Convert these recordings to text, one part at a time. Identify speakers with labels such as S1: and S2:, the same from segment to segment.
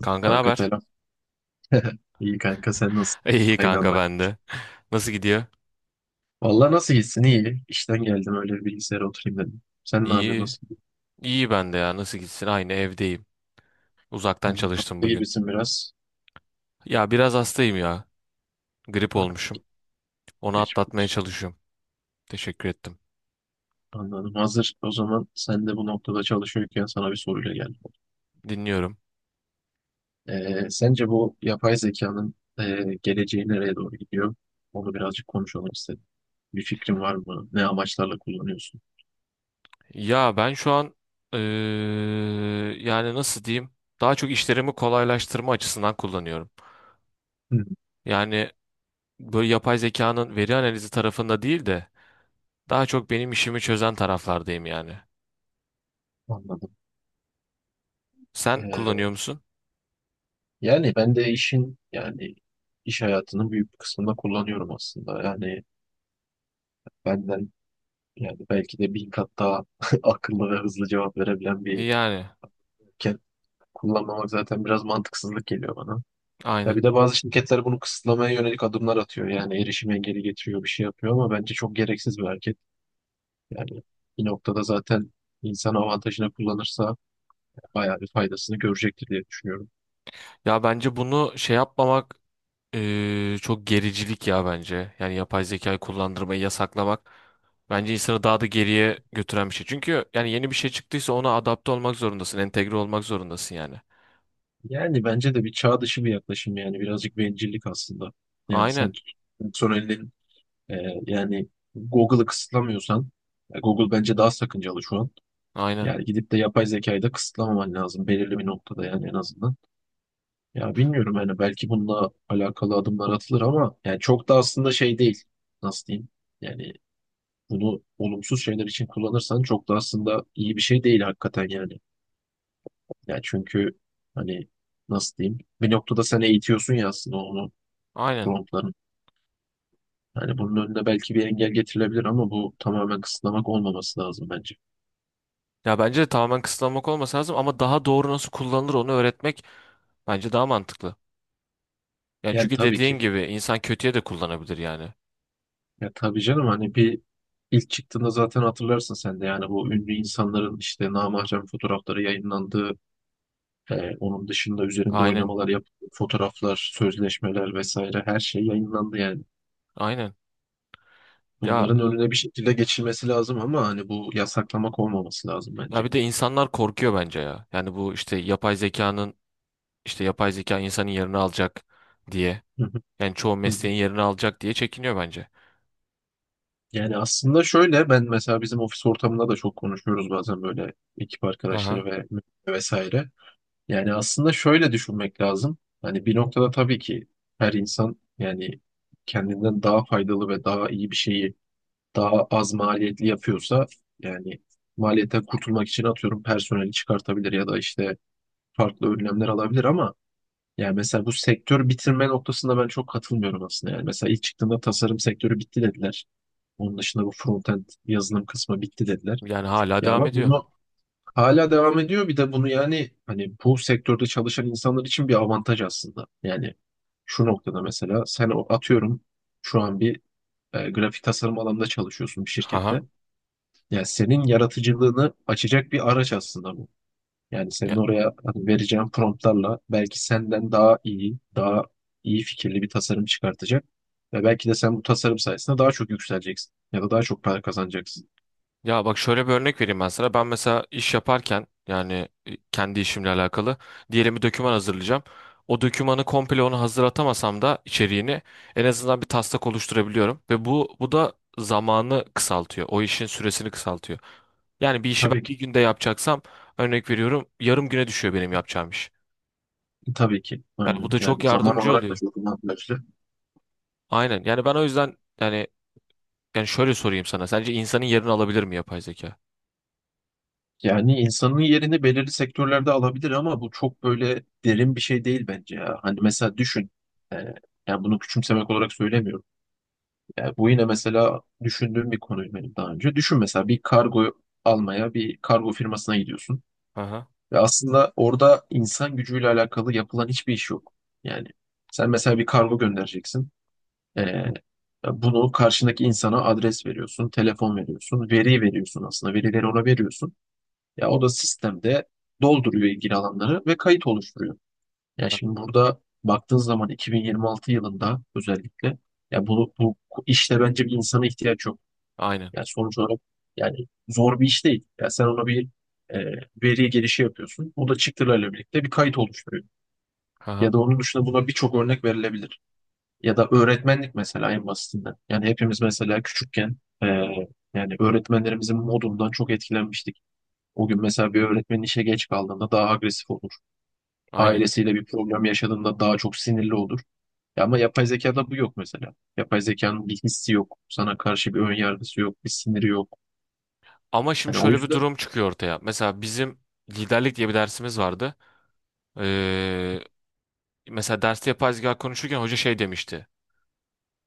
S1: Kanka ne
S2: Kanka
S1: haber?
S2: selam. İyi kanka sen nasılsın?
S1: İyi
S2: Aynı
S1: kanka
S2: anda.
S1: ben de. Nasıl gidiyor?
S2: Vallahi nasıl gitsin? İyi. İşten geldim öyle bir bilgisayara oturayım dedim. Sen ne yapıyorsun?
S1: İyi.
S2: Nasıl gidiyor?
S1: İyi ben de ya. Nasıl gitsin? Aynı evdeyim. Uzaktan
S2: Yani
S1: çalıştım
S2: haklı
S1: bugün.
S2: gibisin biraz.
S1: Ya biraz hastayım ya. Grip
S2: Ha,
S1: olmuşum. Onu
S2: geçmiş
S1: atlatmaya
S2: olsun.
S1: çalışıyorum. Teşekkür ettim.
S2: Anladım. Hazır o zaman sen de bu noktada çalışıyorken sana bir soruyla geldim.
S1: Dinliyorum.
S2: Sence bu yapay zekanın geleceği nereye doğru gidiyor? Onu birazcık konuşalım istedim. Bir fikrin var mı? Ne amaçlarla kullanıyorsun?
S1: Ya ben şu an eee, yani nasıl diyeyim? Daha çok işlerimi kolaylaştırma açısından kullanıyorum.
S2: Hı,
S1: Yani böyle yapay zekanın veri analizi tarafında değil de daha çok benim işimi çözen taraflardayım yani.
S2: anladım.
S1: Sen
S2: Ee,
S1: kullanıyor musun?
S2: Yani ben de yani iş hayatının büyük bir kısmında kullanıyorum aslında. Yani benden yani belki de bin kat daha akıllı ve hızlı cevap verebilen bir
S1: Yani
S2: şirket kullanmamak zaten biraz mantıksızlık geliyor bana. Ya
S1: aynen.
S2: bir de bazı şirketler bunu kısıtlamaya yönelik adımlar atıyor. Yani erişim engeli getiriyor, bir şey yapıyor ama bence çok gereksiz bir hareket. Yani bir noktada zaten insan avantajını kullanırsa bayağı bir faydasını görecektir diye düşünüyorum.
S1: Ya bence bunu şey yapmamak çok gericilik ya bence. Yani yapay zekayı kullandırmayı yasaklamak bence insanı daha da geriye götüren bir şey. Çünkü yani yeni bir şey çıktıysa ona adapte olmak zorundasın, entegre olmak zorundasın yani.
S2: Yani bence de bir çağ dışı bir yaklaşım yani birazcık bencillik aslında. Yani sen
S1: Aynen,
S2: personelin e, yani Google'ı kısıtlamıyorsan Google bence daha sakıncalı şu an.
S1: aynen,
S2: Yani gidip de yapay zekayı da kısıtlamaman lazım belirli bir noktada yani en azından. Ya bilmiyorum yani belki bununla alakalı adımlar atılır ama yani çok da aslında şey değil. Nasıl diyeyim? Yani bunu olumsuz şeyler için kullanırsan çok da aslında iyi bir şey değil hakikaten yani. Ya çünkü hani nasıl diyeyim? Bir noktada sen eğitiyorsun ya aslında onu.
S1: aynen.
S2: Promptların. Yani bunun önüne belki bir engel getirilebilir ama bu tamamen kısıtlamak olmaması lazım bence.
S1: Ya bence de tamamen kısıtlamak olması lazım ama daha doğru nasıl kullanılır onu öğretmek bence daha mantıklı. Yani
S2: Yani
S1: çünkü
S2: tabii
S1: dediğin
S2: ki.
S1: gibi insan kötüye de kullanabilir yani.
S2: Ya tabii canım hani bir ilk çıktığında zaten hatırlarsın sen de yani bu ünlü insanların işte namahcem fotoğrafları yayınlandığı, onun dışında üzerinde
S1: Aynen,
S2: oynamalar yap, fotoğraflar, sözleşmeler vesaire her şey yayınlandı yani.
S1: aynen. Ya
S2: Bunların önüne bir şekilde geçilmesi lazım ama hani bu yasaklamak olmaması lazım
S1: ya
S2: bence.
S1: bir de insanlar korkuyor bence ya. Yani bu işte yapay zekanın İşte yapay zeka insanın yerini alacak diye.
S2: Hı hı,
S1: Yani çoğu
S2: hı hı.
S1: mesleğin yerini alacak diye çekiniyor bence.
S2: Yani aslında şöyle ben mesela bizim ofis ortamında da çok konuşuyoruz bazen böyle ekip arkadaşları
S1: Aha.
S2: ve vesaire. Yani aslında şöyle düşünmek lazım. Hani bir noktada tabii ki her insan yani kendinden daha faydalı ve daha iyi bir şeyi daha az maliyetli yapıyorsa yani maliyetten kurtulmak için atıyorum personeli çıkartabilir ya da işte farklı önlemler alabilir ama yani mesela bu sektör bitirme noktasında ben çok katılmıyorum aslında. Yani mesela ilk çıktığında tasarım sektörü bitti dediler. Onun dışında bu frontend yazılım kısmı bitti dediler.
S1: Yani hala
S2: Ya
S1: devam
S2: ama
S1: ediyor.
S2: bunu hala devam ediyor. Bir de bunu yani hani bu sektörde çalışan insanlar için bir avantaj aslında. Yani şu noktada mesela sen atıyorum şu an bir grafik tasarım alanında çalışıyorsun bir şirkette.
S1: Aha.
S2: Yani senin yaratıcılığını açacak bir araç aslında bu. Yani senin
S1: Ya,
S2: oraya hani vereceğin promptlarla belki senden daha iyi fikirli bir tasarım çıkartacak. Ve belki de sen bu tasarım sayesinde daha çok yükseleceksin ya da daha çok para kazanacaksın.
S1: ya bak şöyle bir örnek vereyim ben sana. Ben mesela iş yaparken yani kendi işimle alakalı diyelim bir doküman hazırlayacağım. O dokümanı komple onu hazırlatamasam da içeriğini en azından bir taslak oluşturabiliyorum ve bu da zamanı kısaltıyor. O işin süresini kısaltıyor. Yani bir işi ben
S2: Tabii ki,
S1: bir günde yapacaksam örnek veriyorum yarım güne düşüyor benim yapacağım iş.
S2: tabii ki.
S1: Yani bu
S2: Aynen.
S1: da çok
S2: Yani zaman
S1: yardımcı
S2: olarak da
S1: oluyor.
S2: çok avantajlı.
S1: Aynen. Yani ben o yüzden yani yani şöyle sorayım sana. Sence insanın yerini alabilir mi yapay zeka?
S2: Yani insanın yerini belirli sektörlerde alabilir ama bu çok böyle derin bir şey değil bence ya. Hani mesela düşün. e, Yani bunu küçümsemek olarak söylemiyorum. Yani bu yine mesela düşündüğüm bir konuydu benim daha önce. Düşün mesela bir kargo almaya bir kargo firmasına gidiyorsun.
S1: Aha.
S2: Ve aslında orada insan gücüyle alakalı yapılan hiçbir iş yok. Yani sen mesela bir kargo göndereceksin. Ee, Bunu karşındaki insana adres veriyorsun, telefon veriyorsun, veri veriyorsun aslında. Verileri ona veriyorsun. Ya o da sistemde dolduruyor ilgili alanları ve kayıt oluşturuyor. Ya şimdi burada baktığın zaman 2026 yılında özellikle ya bu işte bence bir insana ihtiyaç yok.
S1: Aynen.
S2: Yani sonuç olarak yani zor bir iş değil. Ya sen ona bir e, veri gelişi yapıyorsun. O da çıktılarla birlikte bir kayıt oluşturuyor. Ya
S1: Aha.
S2: da onun dışında buna birçok örnek verilebilir. Ya da öğretmenlik mesela en basitinden. Yani hepimiz mesela küçükken e, yani öğretmenlerimizin modundan çok etkilenmiştik. O gün mesela bir öğretmenin işe geç kaldığında daha agresif olur.
S1: Aynen.
S2: Ailesiyle bir problem yaşadığında daha çok sinirli olur. Ya ama yapay zekada bu yok mesela. Yapay zekanın bir hissi yok. Sana karşı bir ön yargısı yok, bir siniri yok.
S1: Ama şimdi
S2: Yani o
S1: şöyle bir
S2: yüzden
S1: durum çıkıyor ortaya. Mesela bizim liderlik diye bir dersimiz vardı. Ee, Mesela derste yapay zeka konuşurken hoca şey demişti.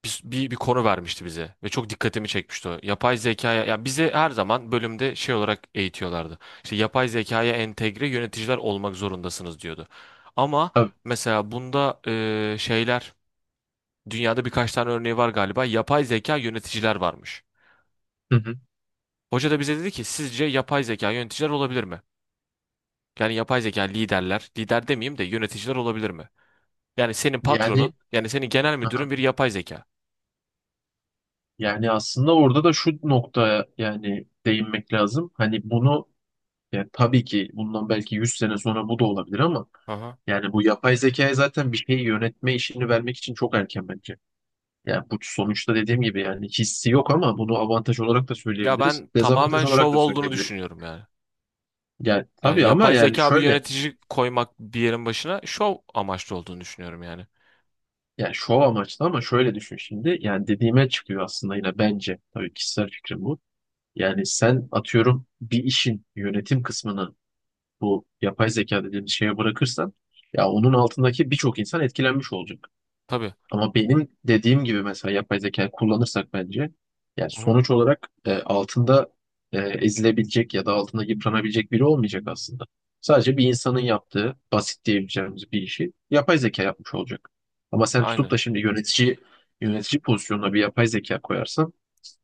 S1: Bir konu vermişti bize ve çok dikkatimi çekmişti o. Yapay zekaya ya bize her zaman bölümde şey olarak eğitiyorlardı. İşte yapay zekaya entegre yöneticiler olmak zorundasınız diyordu. Ama
S2: tabii.
S1: mesela bunda şeyler dünyada birkaç tane örneği var galiba. Yapay zeka yöneticiler varmış.
S2: Hı hı.
S1: Hoca da bize dedi ki sizce yapay zeka yöneticiler olabilir mi? Yani yapay zeka liderler, lider demeyeyim de yöneticiler olabilir mi? Yani senin
S2: Yani
S1: patronun, yani senin genel
S2: aha.
S1: müdürün bir yapay zeka.
S2: Yani aslında orada da şu noktaya yani değinmek lazım. Hani bunu yani tabii ki bundan belki 100 sene sonra bu da olabilir ama
S1: Aha.
S2: yani bu yapay zekaya zaten bir şeyi yönetme işini vermek için çok erken bence. Yani bu sonuçta dediğim gibi yani hissi yok ama bunu avantaj olarak da
S1: Ya
S2: söyleyebiliriz.
S1: ben
S2: Dezavantaj
S1: tamamen
S2: olarak
S1: şov
S2: da
S1: olduğunu
S2: söyleyebiliriz.
S1: düşünüyorum yani.
S2: Yani
S1: Yani
S2: tabii ama
S1: yapay
S2: yani
S1: zeka bir
S2: şöyle
S1: yönetici koymak bir yerin başına şov amaçlı olduğunu düşünüyorum yani.
S2: yani şov amaçlı ama şöyle düşün şimdi. Yani dediğime çıkıyor aslında yine bence. Tabii kişisel fikrim bu. Yani sen atıyorum bir işin yönetim kısmını bu yapay zeka dediğimiz şeye bırakırsan ya onun altındaki birçok insan etkilenmiş olacak.
S1: Tabii.
S2: Ama benim dediğim gibi mesela yapay zeka kullanırsak bence yani
S1: Aha.
S2: sonuç olarak altında ezilebilecek ya da altında yıpranabilecek biri olmayacak aslında. Sadece bir insanın yaptığı basit diyebileceğimiz bir işi yapay zeka yapmış olacak. Ama sen tutup
S1: Aynen.
S2: da şimdi yönetici pozisyonuna bir yapay zeka koyarsan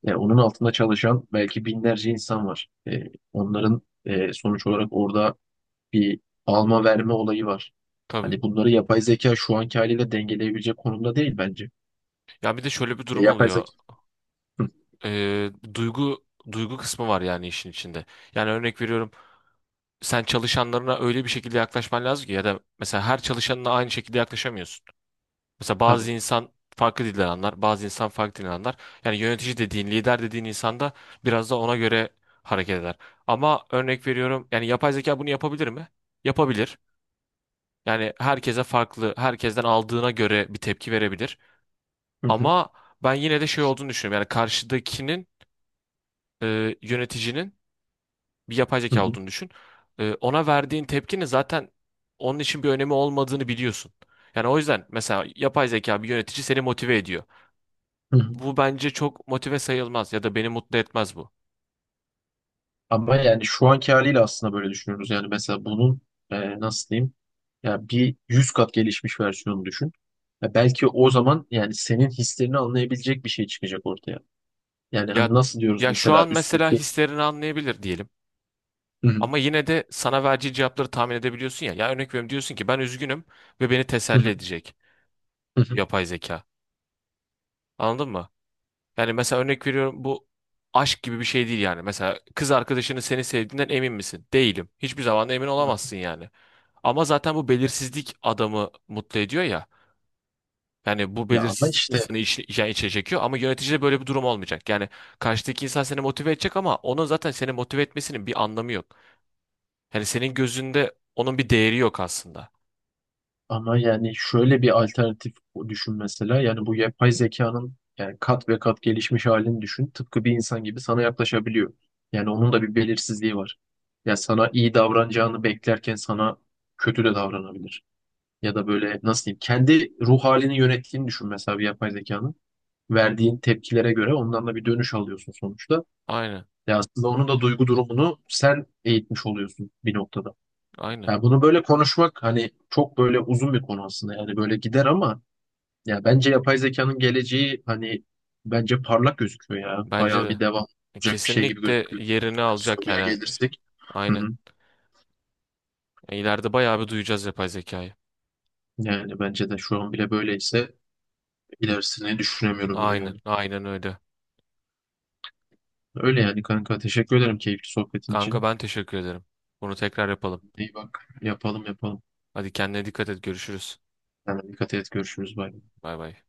S2: yani onun altında çalışan belki binlerce insan var. Onların sonuç olarak orada bir alma verme olayı var.
S1: Tabii.
S2: Hani bunları yapay zeka şu anki haliyle dengeleyebilecek konumda değil bence.
S1: Ya bir de şöyle bir durum
S2: Yapay
S1: oluyor.
S2: zeka. Hı,
S1: Ee, duygu duygu kısmı var yani işin içinde. Yani örnek veriyorum sen çalışanlarına öyle bir şekilde yaklaşman lazım ki ya da mesela her çalışanına aynı şekilde yaklaşamıyorsun. Mesela
S2: tabii.
S1: bazı insan farklı dilden anlar, bazı insan farklı dilden anlar. Yani yönetici dediğin, lider dediğin insan da biraz da ona göre hareket eder. Ama örnek veriyorum yani yapay zeka bunu yapabilir mi? Yapabilir. Yani herkese farklı, herkesten aldığına göre bir tepki verebilir.
S2: Hı hı,
S1: Ama ben yine de şey olduğunu düşünüyorum. Yani karşıdakinin yöneticinin bir yapay
S2: hı
S1: zeka
S2: hı,
S1: olduğunu düşün. E, ona verdiğin tepkinin zaten onun için bir önemi olmadığını biliyorsun. Yani o yüzden mesela yapay zeka bir yönetici seni motive ediyor.
S2: hı hı.
S1: Bu bence çok motive sayılmaz ya da beni mutlu etmez bu.
S2: Ama yani şu anki haliyle aslında böyle düşünüyoruz. Yani mesela bunun nasıl diyeyim? Ya bir 100 kat gelişmiş versiyonu düşün. Ya belki o zaman yani senin hislerini anlayabilecek bir şey çıkacak ortaya. Yani hani
S1: Ya
S2: nasıl diyoruz
S1: ya şu
S2: mesela
S1: an mesela
S2: üstteki.
S1: hislerini anlayabilir diyelim. Ama yine de sana vereceği cevapları tahmin edebiliyorsun ya. Ya örnek veriyorum diyorsun ki ben üzgünüm ve beni
S2: Hı
S1: teselli
S2: hı,
S1: edecek.
S2: hı hı,
S1: Yapay zeka. Anladın mı? Yani mesela örnek veriyorum bu aşk gibi bir şey değil yani. Mesela kız arkadaşının seni sevdiğinden emin misin? Değilim. Hiçbir zaman da emin
S2: hı hı.
S1: olamazsın yani. Ama zaten bu belirsizlik adamı mutlu ediyor ya. Yani bu
S2: Ya ama
S1: belirsizlik
S2: işte.
S1: insanı iç, yani içe çekiyor ama yöneticide böyle bir durum olmayacak. Yani karşıdaki insan seni motive edecek ama onun zaten seni motive etmesinin bir anlamı yok. Yani senin gözünde onun bir değeri yok aslında.
S2: Ama yani şöyle bir alternatif düşün mesela. Yani bu yapay zekanın yani kat ve kat gelişmiş halini düşün. Tıpkı bir insan gibi sana yaklaşabiliyor. Yani onun da bir belirsizliği var. Ya sana iyi davranacağını beklerken sana kötü de davranabilir. Ya da böyle nasıl diyeyim kendi ruh halini yönettiğini düşün mesela bir yapay zekanın. Verdiğin tepkilere göre ondan da bir dönüş alıyorsun sonuçta.
S1: Aynen,
S2: Ya aslında onun da duygu durumunu sen eğitmiş oluyorsun bir noktada.
S1: aynen.
S2: Ya bunu böyle konuşmak hani çok böyle uzun bir konu aslında yani böyle gider ama ya bence yapay zekanın geleceği hani bence parlak gözüküyor ya.
S1: Bence
S2: Bayağı bir
S1: de.
S2: devam olacak bir şey gibi
S1: Kesinlikle
S2: gözüküyor.
S1: yerini
S2: Yani
S1: alacak
S2: soruya
S1: yani.
S2: gelirsek. Hı
S1: Aynen.
S2: hı.
S1: E, İleride bayağı bir duyacağız yapay zekayı.
S2: Yani bence de şu an bile böyleyse ilerisini düşünemiyorum bile
S1: Aynen,
S2: yani.
S1: aynen öyle.
S2: Öyle yani kanka teşekkür ederim keyifli sohbetin
S1: Kanka
S2: için.
S1: ben teşekkür ederim. Bunu tekrar yapalım.
S2: İyi bak yapalım yapalım.
S1: Hadi kendine dikkat et, görüşürüz.
S2: Yani dikkat et görüşürüz. Bay bay.
S1: Bay bay.